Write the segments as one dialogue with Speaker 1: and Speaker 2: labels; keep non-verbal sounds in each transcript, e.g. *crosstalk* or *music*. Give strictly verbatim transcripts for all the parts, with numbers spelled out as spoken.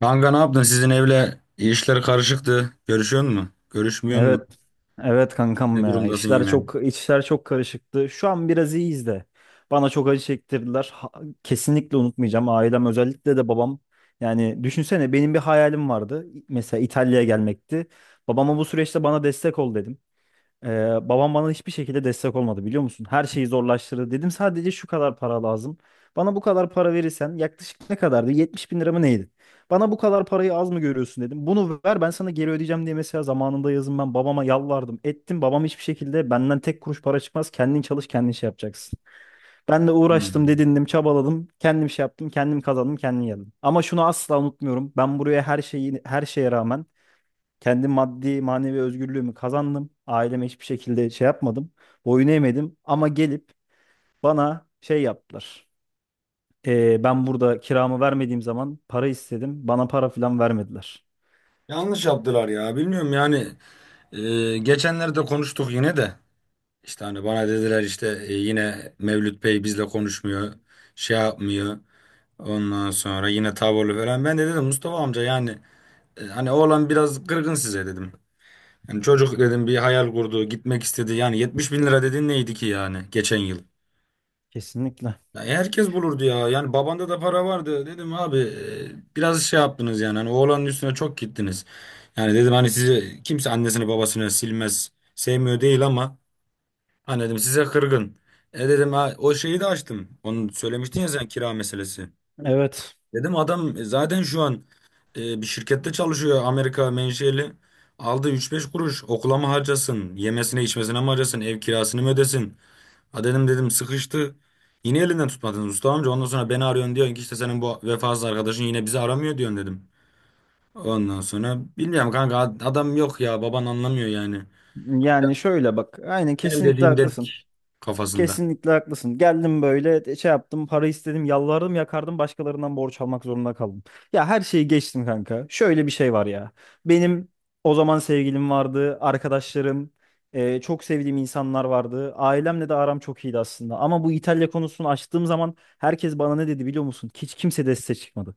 Speaker 1: Kanka ne yaptın? Sizin evle işler karışıktı. Görüşüyor musun? Görüşmüyor musun?
Speaker 2: Evet. Evet kankam
Speaker 1: Ne
Speaker 2: ya.
Speaker 1: durumdasın
Speaker 2: İşler
Speaker 1: yine?
Speaker 2: çok işler çok karışıktı. Şu an biraz iyiyiz de. Bana çok acı çektirdiler. Ha- kesinlikle unutmayacağım. Ailem özellikle de babam. Yani düşünsene benim bir hayalim vardı. Mesela İtalya'ya gelmekti. Babama bu süreçte bana destek ol dedim. Ee, babam bana hiçbir şekilde destek olmadı biliyor musun? Her şeyi zorlaştırdı. Dedim sadece şu kadar para lazım. Bana bu kadar para verirsen yaklaşık ne kadardı? yetmiş bin lira mı neydi? Bana bu kadar parayı az mı görüyorsun dedim. Bunu ver ben sana geri ödeyeceğim diye mesela zamanında yazın ben babama yalvardım. Ettim babam hiçbir şekilde benden tek kuruş para çıkmaz. Kendin çalış kendin şey yapacaksın. Ben de uğraştım
Speaker 1: Hmm.
Speaker 2: dedindim çabaladım. Kendim şey yaptım kendim kazandım kendim geldim. Ama şunu asla unutmuyorum. Ben buraya her şeyi her şeye rağmen kendi maddi manevi özgürlüğümü kazandım. Aileme hiçbir şekilde şey yapmadım. Boyun eğmedim ama gelip bana şey yaptılar. Ee, ben burada kiramı vermediğim zaman para istedim. Bana para falan vermediler.
Speaker 1: Yanlış yaptılar ya. Bilmiyorum yani. E, geçenlerde konuştuk yine de. İşte hani bana dediler işte e, yine Mevlüt Bey bizle konuşmuyor. Şey yapmıyor. Ondan sonra yine tavırlı falan. Ben de dedim Mustafa amca yani e, hani oğlan biraz kırgın size dedim. Yani çocuk dedim bir hayal kurdu, gitmek istedi. Yani yetmiş bin lira dedin neydi ki yani geçen yıl?
Speaker 2: Kesinlikle.
Speaker 1: Ya herkes bulurdu ya. Yani babanda da para vardı. Dedim abi e, biraz şey yaptınız yani. Hani oğlanın üstüne çok gittiniz. Yani dedim hani sizi kimse annesini babasını silmez. Sevmiyor değil ama hani dedim size kırgın. E dedim ha, o şeyi de açtım. Onu söylemiştin ya sen kira meselesi.
Speaker 2: Evet.
Speaker 1: Dedim adam e, zaten şu an e, bir şirkette çalışıyor Amerika menşeli. Aldı üç beş kuruş okula mı harcasın? Yemesine içmesine mi harcasın? Ev kirasını mı ödesin? Ha dedim dedim sıkıştı. Yine elinden tutmadınız usta amca. Ondan sonra beni arıyorsun diyorsun ki işte senin bu vefasız arkadaşın yine bizi aramıyor diyorsun dedim. Ondan sonra bilmiyorum kanka ad- adam yok ya baban anlamıyor yani.
Speaker 2: Yani şöyle bak. Aynen
Speaker 1: Benim
Speaker 2: kesinlikle
Speaker 1: dediğim
Speaker 2: haklısın.
Speaker 1: dedik kafasında.
Speaker 2: Kesinlikle haklısın. Geldim böyle e, şey yaptım, para istedim, yalvardım, yakardım, başkalarından borç almak zorunda kaldım. Ya her şeyi geçtim kanka. Şöyle bir şey var ya. Benim o zaman sevgilim vardı, arkadaşlarım, e, çok sevdiğim insanlar vardı. Ailemle de aram çok iyiydi aslında. Ama bu İtalya konusunu açtığım zaman herkes bana ne dedi biliyor musun? Hiç kimse desteğe çıkmadı.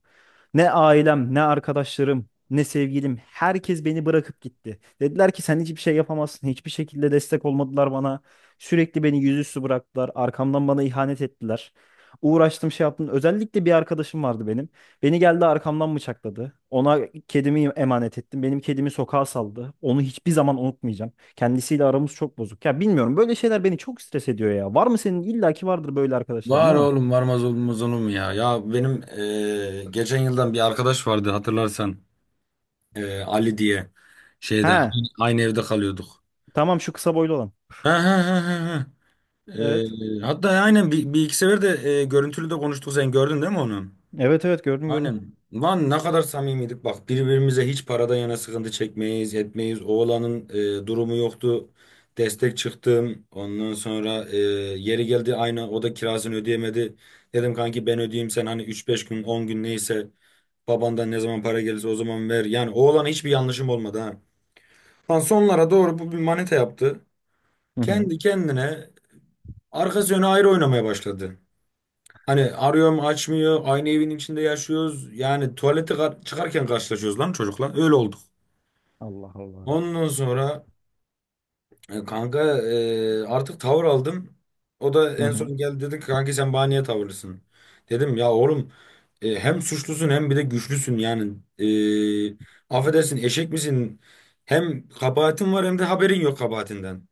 Speaker 2: Ne ailem, ne arkadaşlarım, ne sevgilim, herkes beni bırakıp gitti. Dediler ki sen hiçbir şey yapamazsın. Hiçbir şekilde destek olmadılar bana. Sürekli beni yüzüstü bıraktılar. Arkamdan bana ihanet ettiler. Uğraştım şey yaptım. Özellikle bir arkadaşım vardı benim. Beni geldi arkamdan bıçakladı. Ona kedimi emanet ettim. Benim kedimi sokağa saldı. Onu hiçbir zaman unutmayacağım. Kendisiyle aramız çok bozuk. Ya bilmiyorum böyle şeyler beni çok stres ediyor ya. Var mı senin? İlla ki vardır böyle arkadaşların
Speaker 1: Var
Speaker 2: değil mi?
Speaker 1: oğlum varmaz olmaz olur mu ya? Ya benim eee, geçen yıldan bir arkadaş vardı hatırlarsan. Eee, Ali diye şeyde
Speaker 2: He,
Speaker 1: aynı aynı evde kalıyorduk.
Speaker 2: tamam şu kısa boylu olan.
Speaker 1: Ha ha ha ha. Ha.
Speaker 2: Evet.
Speaker 1: Eee, Hatta aynen bir, bir iki sefer de eee, görüntülü de konuştuk sen gördün değil mi onu?
Speaker 2: Evet evet gördüm gördüm.
Speaker 1: Aynen. Lan ne kadar samimiydik. Bak birbirimize hiç paradan yana sıkıntı çekmeyiz, etmeyiz. Oğlanın e, durumu yoktu. Destek çıktım. Ondan sonra e, yeri geldi aynı o da kirasını ödeyemedi. Dedim kanki ben ödeyeyim sen hani üç beş gün on gün neyse babandan ne zaman para gelirse o zaman ver. Yani oğlana hiçbir yanlışım olmadı ha. Lan sonlara doğru bu bir manita yaptı.
Speaker 2: Hı hı.
Speaker 1: Kendi kendine arkası yönü ayrı oynamaya başladı. Hani arıyorum açmıyor. Aynı evin içinde yaşıyoruz. Yani tuvalete kar- çıkarken karşılaşıyoruz lan çocukla. Öyle olduk.
Speaker 2: Allah Allah.
Speaker 1: Ondan sonra e, kanka e, artık tavır aldım. O da
Speaker 2: Hı
Speaker 1: en
Speaker 2: hı.
Speaker 1: son geldi dedi ki kanki sen bana niye tavırlısın? Dedim ya oğlum e, hem suçlusun hem bir de güçlüsün yani. E, affedersin eşek misin? Hem kabahatin var hem de haberin yok kabahatinden.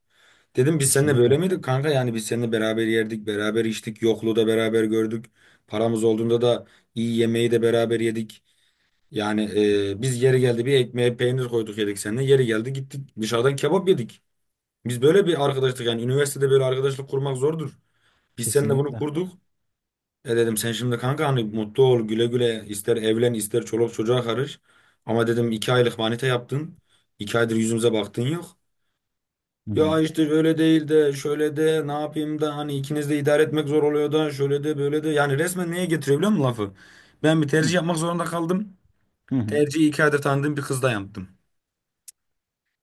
Speaker 1: Dedim biz seninle böyle
Speaker 2: Kesinlikle.
Speaker 1: miydik kanka? Yani biz seninle beraber yerdik, beraber içtik, yokluğu da beraber gördük. Paramız olduğunda da iyi yemeği de beraber yedik. Yani e, biz yeri geldi bir ekmeğe peynir koyduk yedik seninle. Yeri geldi gittik dışarıdan kebap yedik. Biz böyle bir arkadaşlık yani üniversitede böyle arkadaşlık kurmak zordur. Biz seninle bunu
Speaker 2: Kesinlikle.
Speaker 1: kurduk. E dedim sen şimdi kanka hani mutlu ol güle güle ister evlen ister çoluk çocuğa karış. Ama dedim iki aylık manita yaptın. İki aydır yüzümüze baktın yok.
Speaker 2: Hı hı.
Speaker 1: Ya işte böyle değil de şöyle de ne yapayım da hani ikiniz de idare etmek zor oluyor da şöyle de böyle de yani resmen neye getiriyor biliyor musun lafı? Ben bir tercih
Speaker 2: Hı
Speaker 1: yapmak zorunda kaldım.
Speaker 2: hı. Hı.
Speaker 1: Tercihi iki aydır tanıdığım bir kızla yaptım.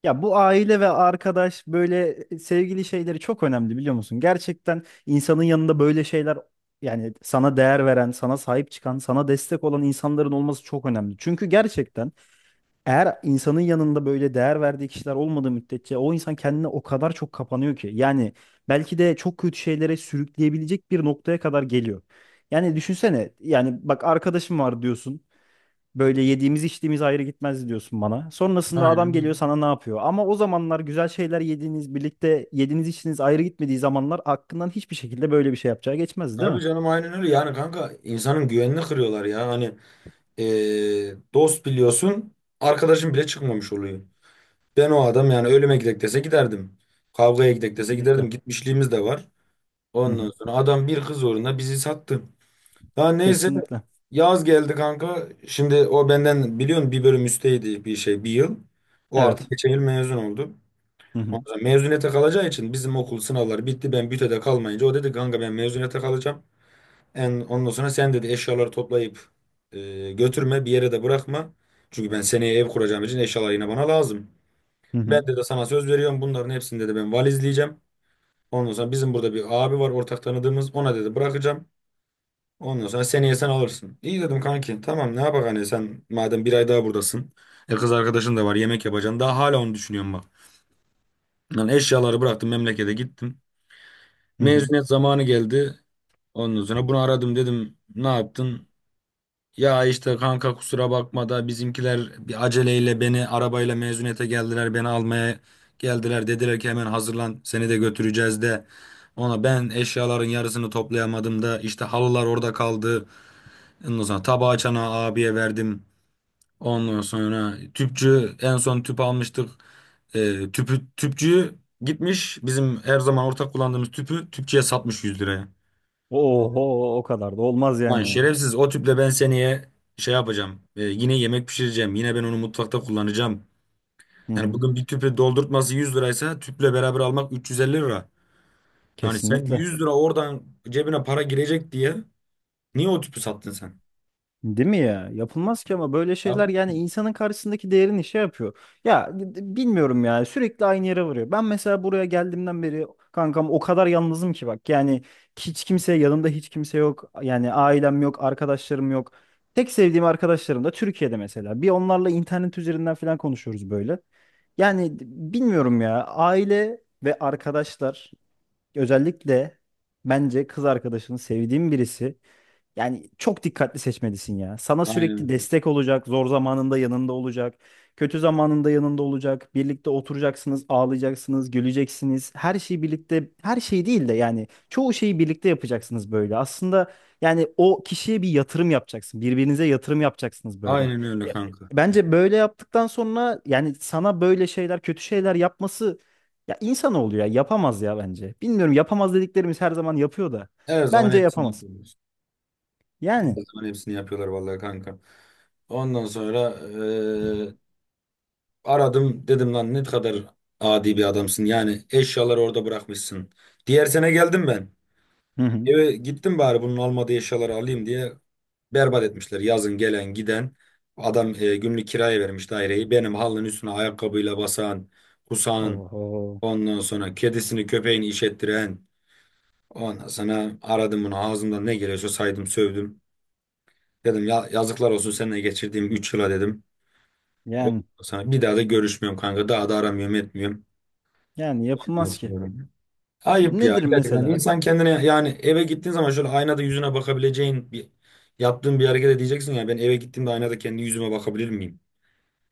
Speaker 2: Ya bu aile ve arkadaş böyle e, sevgili şeyleri çok önemli biliyor musun? Gerçekten insanın yanında böyle şeyler yani sana değer veren, sana sahip çıkan, sana destek olan insanların olması çok önemli. Çünkü gerçekten eğer insanın yanında böyle değer verdiği kişiler olmadığı müddetçe o insan kendine o kadar çok kapanıyor ki. Yani belki de çok kötü şeylere sürükleyebilecek bir noktaya kadar geliyor. Yani düşünsene yani bak arkadaşım var diyorsun. Böyle yediğimiz içtiğimiz ayrı gitmez diyorsun bana. Sonrasında adam
Speaker 1: Aynen
Speaker 2: geliyor
Speaker 1: öyle.
Speaker 2: sana ne yapıyor? Ama o zamanlar güzel şeyler yediğiniz, birlikte yediğiniz içtiğiniz ayrı gitmediği zamanlar aklından hiçbir şekilde böyle bir şey yapacağı geçmezdi değil
Speaker 1: Tabii
Speaker 2: mi?
Speaker 1: canım aynen öyle yani kanka insanın güvenini kırıyorlar ya hani eee, dost biliyorsun arkadaşım bile çıkmamış oluyor. Ben o adam yani ölüme gidek dese giderdim. Kavgaya gidek dese
Speaker 2: Kesinlikle.
Speaker 1: giderdim gitmişliğimiz de var.
Speaker 2: Hı hı.
Speaker 1: Ondan sonra adam bir kız uğruna bizi sattı. Daha neyse
Speaker 2: Kesinlikle.
Speaker 1: yaz geldi kanka. Şimdi o benden biliyorsun bir bölüm üsteydi bir şey bir yıl. O
Speaker 2: Evet.
Speaker 1: artık geçen yıl mezun oldu.
Speaker 2: Hı hı.
Speaker 1: Ondan sonra mezuniyete kalacağı için bizim okul sınavları bitti. Ben bütöde kalmayınca o dedi kanka ben mezuniyete kalacağım. En, ondan sonra sen dedi eşyaları toplayıp e, götürme bir yere de bırakma. Çünkü ben seneye ev kuracağım için eşyalar yine bana lazım.
Speaker 2: Hı
Speaker 1: Ben
Speaker 2: hı.
Speaker 1: de sana söz veriyorum bunların hepsini dedi ben valizleyeceğim. Ondan sonra bizim burada bir abi var ortak tanıdığımız ona dedi bırakacağım. Ondan sonra seneye sen alırsın. İyi dedim kanki. Tamam ne yapak hani sen madem bir ay daha buradasın. E kız arkadaşın da var yemek yapacaksın. Daha hala onu düşünüyorum bak. Lan eşyaları bıraktım memlekete gittim.
Speaker 2: Hı hı.
Speaker 1: Mezuniyet zamanı geldi. Ondan sonra bunu aradım dedim ne yaptın? Ya işte kanka kusura bakma da bizimkiler bir aceleyle beni arabayla mezuniyete geldiler. Beni almaya geldiler. Dediler ki hemen hazırlan seni de götüreceğiz de. Ona ben eşyaların yarısını toplayamadım da işte halılar orada kaldı. Ondan sonra tabağı çana abiye verdim. Ondan sonra tüpçü en son tüp almıştık. Ee, tüpü tüpçüyü gitmiş bizim her zaman ortak kullandığımız tüpü tüpçüye satmış yüz liraya.
Speaker 2: Oho o kadar da olmaz
Speaker 1: Lan
Speaker 2: yani ya.
Speaker 1: şerefsiz o tüple ben seneye şey yapacağım. Ee, yine yemek pişireceğim. Yine ben onu mutfakta kullanacağım.
Speaker 2: Hı
Speaker 1: Yani
Speaker 2: hı.
Speaker 1: bugün bir tüpü doldurtması yüz liraysa tüple beraber almak üç yüz elli lira. Yani sen
Speaker 2: Kesinlikle.
Speaker 1: yüz lira oradan cebine para girecek diye niye o tüpü sattın sen?
Speaker 2: Değil mi ya? Yapılmaz ki ama böyle
Speaker 1: Yap.
Speaker 2: şeyler yani insanın karşısındaki değerini şey yapıyor. Ya d- bilmiyorum ya sürekli aynı yere varıyor. Ben mesela buraya geldiğimden beri kankam o kadar yalnızım ki bak. Yani hiç kimse yanımda hiç kimse yok. Yani ailem yok, arkadaşlarım yok. Tek sevdiğim arkadaşlarım da Türkiye'de mesela. Bir onlarla internet üzerinden falan konuşuyoruz böyle. Yani d- bilmiyorum ya aile ve arkadaşlar özellikle bence kız arkadaşını sevdiğim birisi yani çok dikkatli seçmelisin ya. Sana
Speaker 1: Aynen
Speaker 2: sürekli
Speaker 1: öyle.
Speaker 2: destek olacak, zor zamanında yanında olacak, kötü zamanında yanında olacak. Birlikte oturacaksınız, ağlayacaksınız, güleceksiniz. Her şeyi birlikte, her şey değil de yani çoğu şeyi birlikte yapacaksınız böyle. Aslında yani o kişiye bir yatırım yapacaksın. Birbirinize yatırım yapacaksınız böyle.
Speaker 1: Aynen öyle
Speaker 2: Ya,
Speaker 1: kanka.
Speaker 2: bence böyle yaptıktan sonra yani sana böyle şeyler, kötü şeyler yapması ya insan oluyor ya yapamaz ya bence. Bilmiyorum yapamaz dediklerimiz her zaman yapıyor da
Speaker 1: Her zaman
Speaker 2: bence
Speaker 1: hepsini
Speaker 2: yapamaz.
Speaker 1: yapıyoruz. Her
Speaker 2: Yani.
Speaker 1: zaman hepsini yapıyorlar vallahi kanka. Ondan sonra eee, aradım dedim lan ne kadar adi bir adamsın. Yani eşyaları orada bırakmışsın. Diğer sene geldim ben.
Speaker 2: Hı hı.
Speaker 1: Eve gittim bari bunun olmadığı eşyaları alayım diye berbat etmişler. Yazın gelen giden adam eee, günlük kiraya vermiş daireyi. Benim halının üstüne ayakkabıyla basan, kusan,
Speaker 2: Oho.
Speaker 1: ondan sonra kedisini köpeğini işettiren. Ondan sonra aradım bunu ağzımdan ne geliyorsa saydım sövdüm. Dedim ya yazıklar olsun seninle geçirdiğim üç yıla dedim. O,
Speaker 2: Yani
Speaker 1: sana bir daha da görüşmüyorum kanka. Daha da aramıyorum etmiyorum.
Speaker 2: yani
Speaker 1: *laughs* Ondan
Speaker 2: yapılmaz ki.
Speaker 1: sonra- Ayıp ya
Speaker 2: Nedir
Speaker 1: gerçekten.
Speaker 2: mesela?
Speaker 1: İnsan kendine yani eve gittiğin zaman şöyle aynada yüzüne bakabileceğin bir yaptığın bir hareket edeceksin ya ben eve gittiğimde aynada kendi yüzüme bakabilir miyim?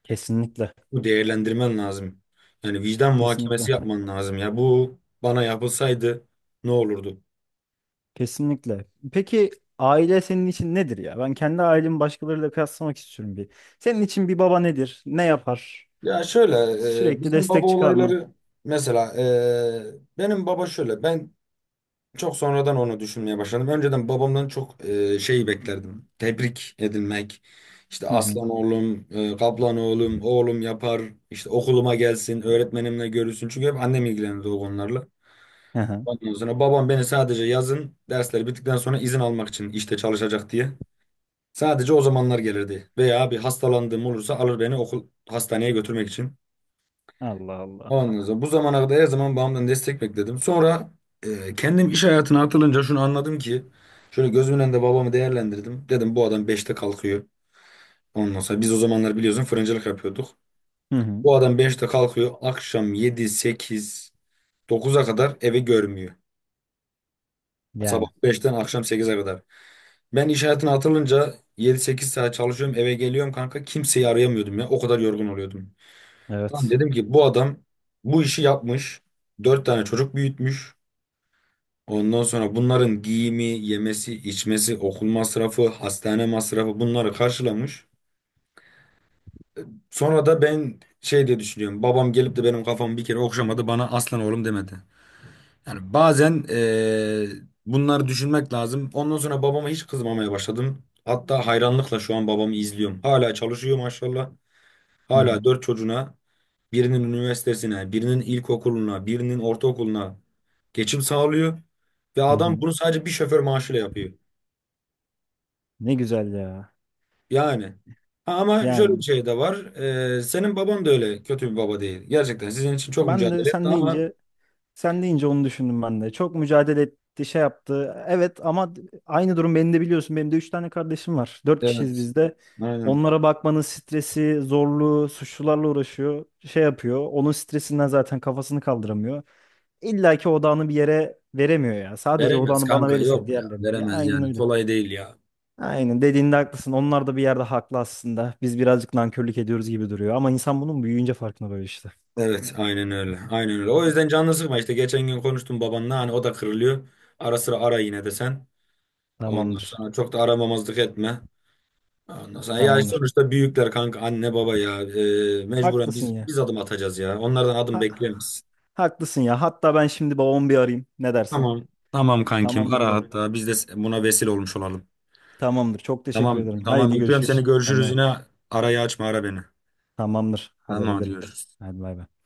Speaker 2: Kesinlikle.
Speaker 1: Bu değerlendirmen lazım. Yani vicdan
Speaker 2: Kesinlikle.
Speaker 1: muhakemesi yapman lazım ya. Bu bana yapılsaydı ne olurdu?
Speaker 2: Kesinlikle. Peki aile senin için nedir ya? Ben kendi ailemi başkalarıyla kıyaslamak istiyorum bir. Senin için bir baba nedir? Ne yapar?
Speaker 1: Ya şöyle e,
Speaker 2: Sürekli
Speaker 1: bizim baba
Speaker 2: destek çıkar mı?
Speaker 1: olayları mesela e, benim baba şöyle ben çok sonradan onu düşünmeye başladım. Önceden babamdan çok e, şey beklerdim. Tebrik edilmek. İşte
Speaker 2: Hı hı.
Speaker 1: aslan oğlum, e, kaplan oğlum, oğlum yapar. İşte okuluma gelsin, öğretmenimle görüşsün. Çünkü hep annem ilgilenirdi o konularla.
Speaker 2: Hı hı.
Speaker 1: Ondan sonra babam beni sadece yazın dersleri bittikten sonra izin almak için işte çalışacak diye. Sadece o zamanlar gelirdi. Veya bir hastalandığım olursa alır beni okul hastaneye götürmek için.
Speaker 2: Allah Allah.
Speaker 1: Ondan sonra bu zamana kadar her zaman babamdan destek bekledim. Sonra e, kendim iş hayatına atılınca şunu anladım ki şöyle gözümün önünde babamı değerlendirdim. Dedim bu adam beşte kalkıyor. Ondan sonra biz o zamanlar biliyorsun fırıncılık yapıyorduk.
Speaker 2: Hı hı.
Speaker 1: Bu adam beşte kalkıyor. Akşam yedi sekiz dokuza kadar evi görmüyor. Sabah
Speaker 2: Yani
Speaker 1: beşten akşam sekize kadar. Ben iş hayatına atılınca yedi sekiz saat çalışıyorum eve geliyorum kanka. Kimseyi arayamıyordum ya. O kadar yorgun oluyordum. Lan
Speaker 2: evet.
Speaker 1: dedim ki bu adam bu işi yapmış. Dört tane çocuk büyütmüş. Ondan sonra bunların giyimi, yemesi, içmesi, okul masrafı, hastane masrafı bunları karşılamış. Sonra da ben şey diye düşünüyorum. Babam gelip de benim kafamı bir kere okşamadı, bana aslan oğlum demedi. Yani bazen eee, bunları düşünmek lazım. Ondan sonra babama hiç kızmamaya başladım. Hatta hayranlıkla şu an babamı izliyorum. Hala çalışıyor maşallah.
Speaker 2: Hı hı.
Speaker 1: Hala dört çocuğuna, birinin üniversitesine, birinin ilkokuluna, birinin ortaokuluna geçim sağlıyor. Ve
Speaker 2: Hı
Speaker 1: adam
Speaker 2: hı.
Speaker 1: bunu sadece bir şoför maaşıyla yapıyor.
Speaker 2: Ne güzel ya.
Speaker 1: Yani. Ha, ama şöyle bir
Speaker 2: Yani
Speaker 1: şey de var. Ee, senin baban da öyle kötü bir baba değil. Gerçekten sizin için çok
Speaker 2: ben de
Speaker 1: mücadele etti
Speaker 2: sen
Speaker 1: ama
Speaker 2: deyince sen deyince onu düşündüm ben de. Çok mücadele etti, şey yaptı. Evet ama aynı durum beni de biliyorsun. Benim de üç tane kardeşim var. Dört kişiyiz
Speaker 1: evet.
Speaker 2: biz de.
Speaker 1: Aynen.
Speaker 2: Onlara bakmanın stresi, zorluğu, suçlularla uğraşıyor. Şey yapıyor. Onun stresinden zaten kafasını kaldıramıyor. İlla ki odağını bir yere veremiyor ya. Sadece
Speaker 1: Veremez
Speaker 2: odağını bana
Speaker 1: kanka
Speaker 2: verirse
Speaker 1: yok ya.
Speaker 2: diğerlerine. Ya
Speaker 1: Veremez
Speaker 2: aynen
Speaker 1: yani.
Speaker 2: öyle.
Speaker 1: Kolay değil ya.
Speaker 2: Aynen dediğinde haklısın. Onlar da bir yerde haklı aslında. Biz birazcık nankörlük ediyoruz gibi duruyor. Ama insan bunun büyüyünce farkına varıyor işte.
Speaker 1: Evet aynen öyle. Aynen öyle. O
Speaker 2: Hı.
Speaker 1: yüzden canını sıkma işte. Geçen gün konuştum babanla. Hani o da kırılıyor. Ara sıra ara yine de sen. Ondan
Speaker 2: Tamamdır.
Speaker 1: sonra çok da aramamazlık etme. Ondan sonra ya
Speaker 2: Tamamdır.
Speaker 1: sonuçta büyükler kanka anne baba ya. Ee, mecburen
Speaker 2: Haklısın
Speaker 1: biz
Speaker 2: ya.
Speaker 1: biz adım atacağız ya. Onlardan adım
Speaker 2: Ha,
Speaker 1: bekleyemeyiz.
Speaker 2: haklısın ya. Hatta ben şimdi babamı bir arayayım. Ne dersin?
Speaker 1: Tamam. Tamam kankim
Speaker 2: Tamamdır
Speaker 1: ara
Speaker 2: hocam.
Speaker 1: hatta biz de buna vesile olmuş olalım.
Speaker 2: Tamamdır. Çok teşekkür
Speaker 1: Tamam
Speaker 2: ederim. Haydi
Speaker 1: tamam öpüyorum seni
Speaker 2: görüşürüz. Kendine
Speaker 1: görüşürüz
Speaker 2: bak.
Speaker 1: yine arayı açma ara beni.
Speaker 2: Tamamdır. Haber
Speaker 1: Tamam hadi
Speaker 2: ederim.
Speaker 1: görüşürüz.
Speaker 2: Hadi bay bay.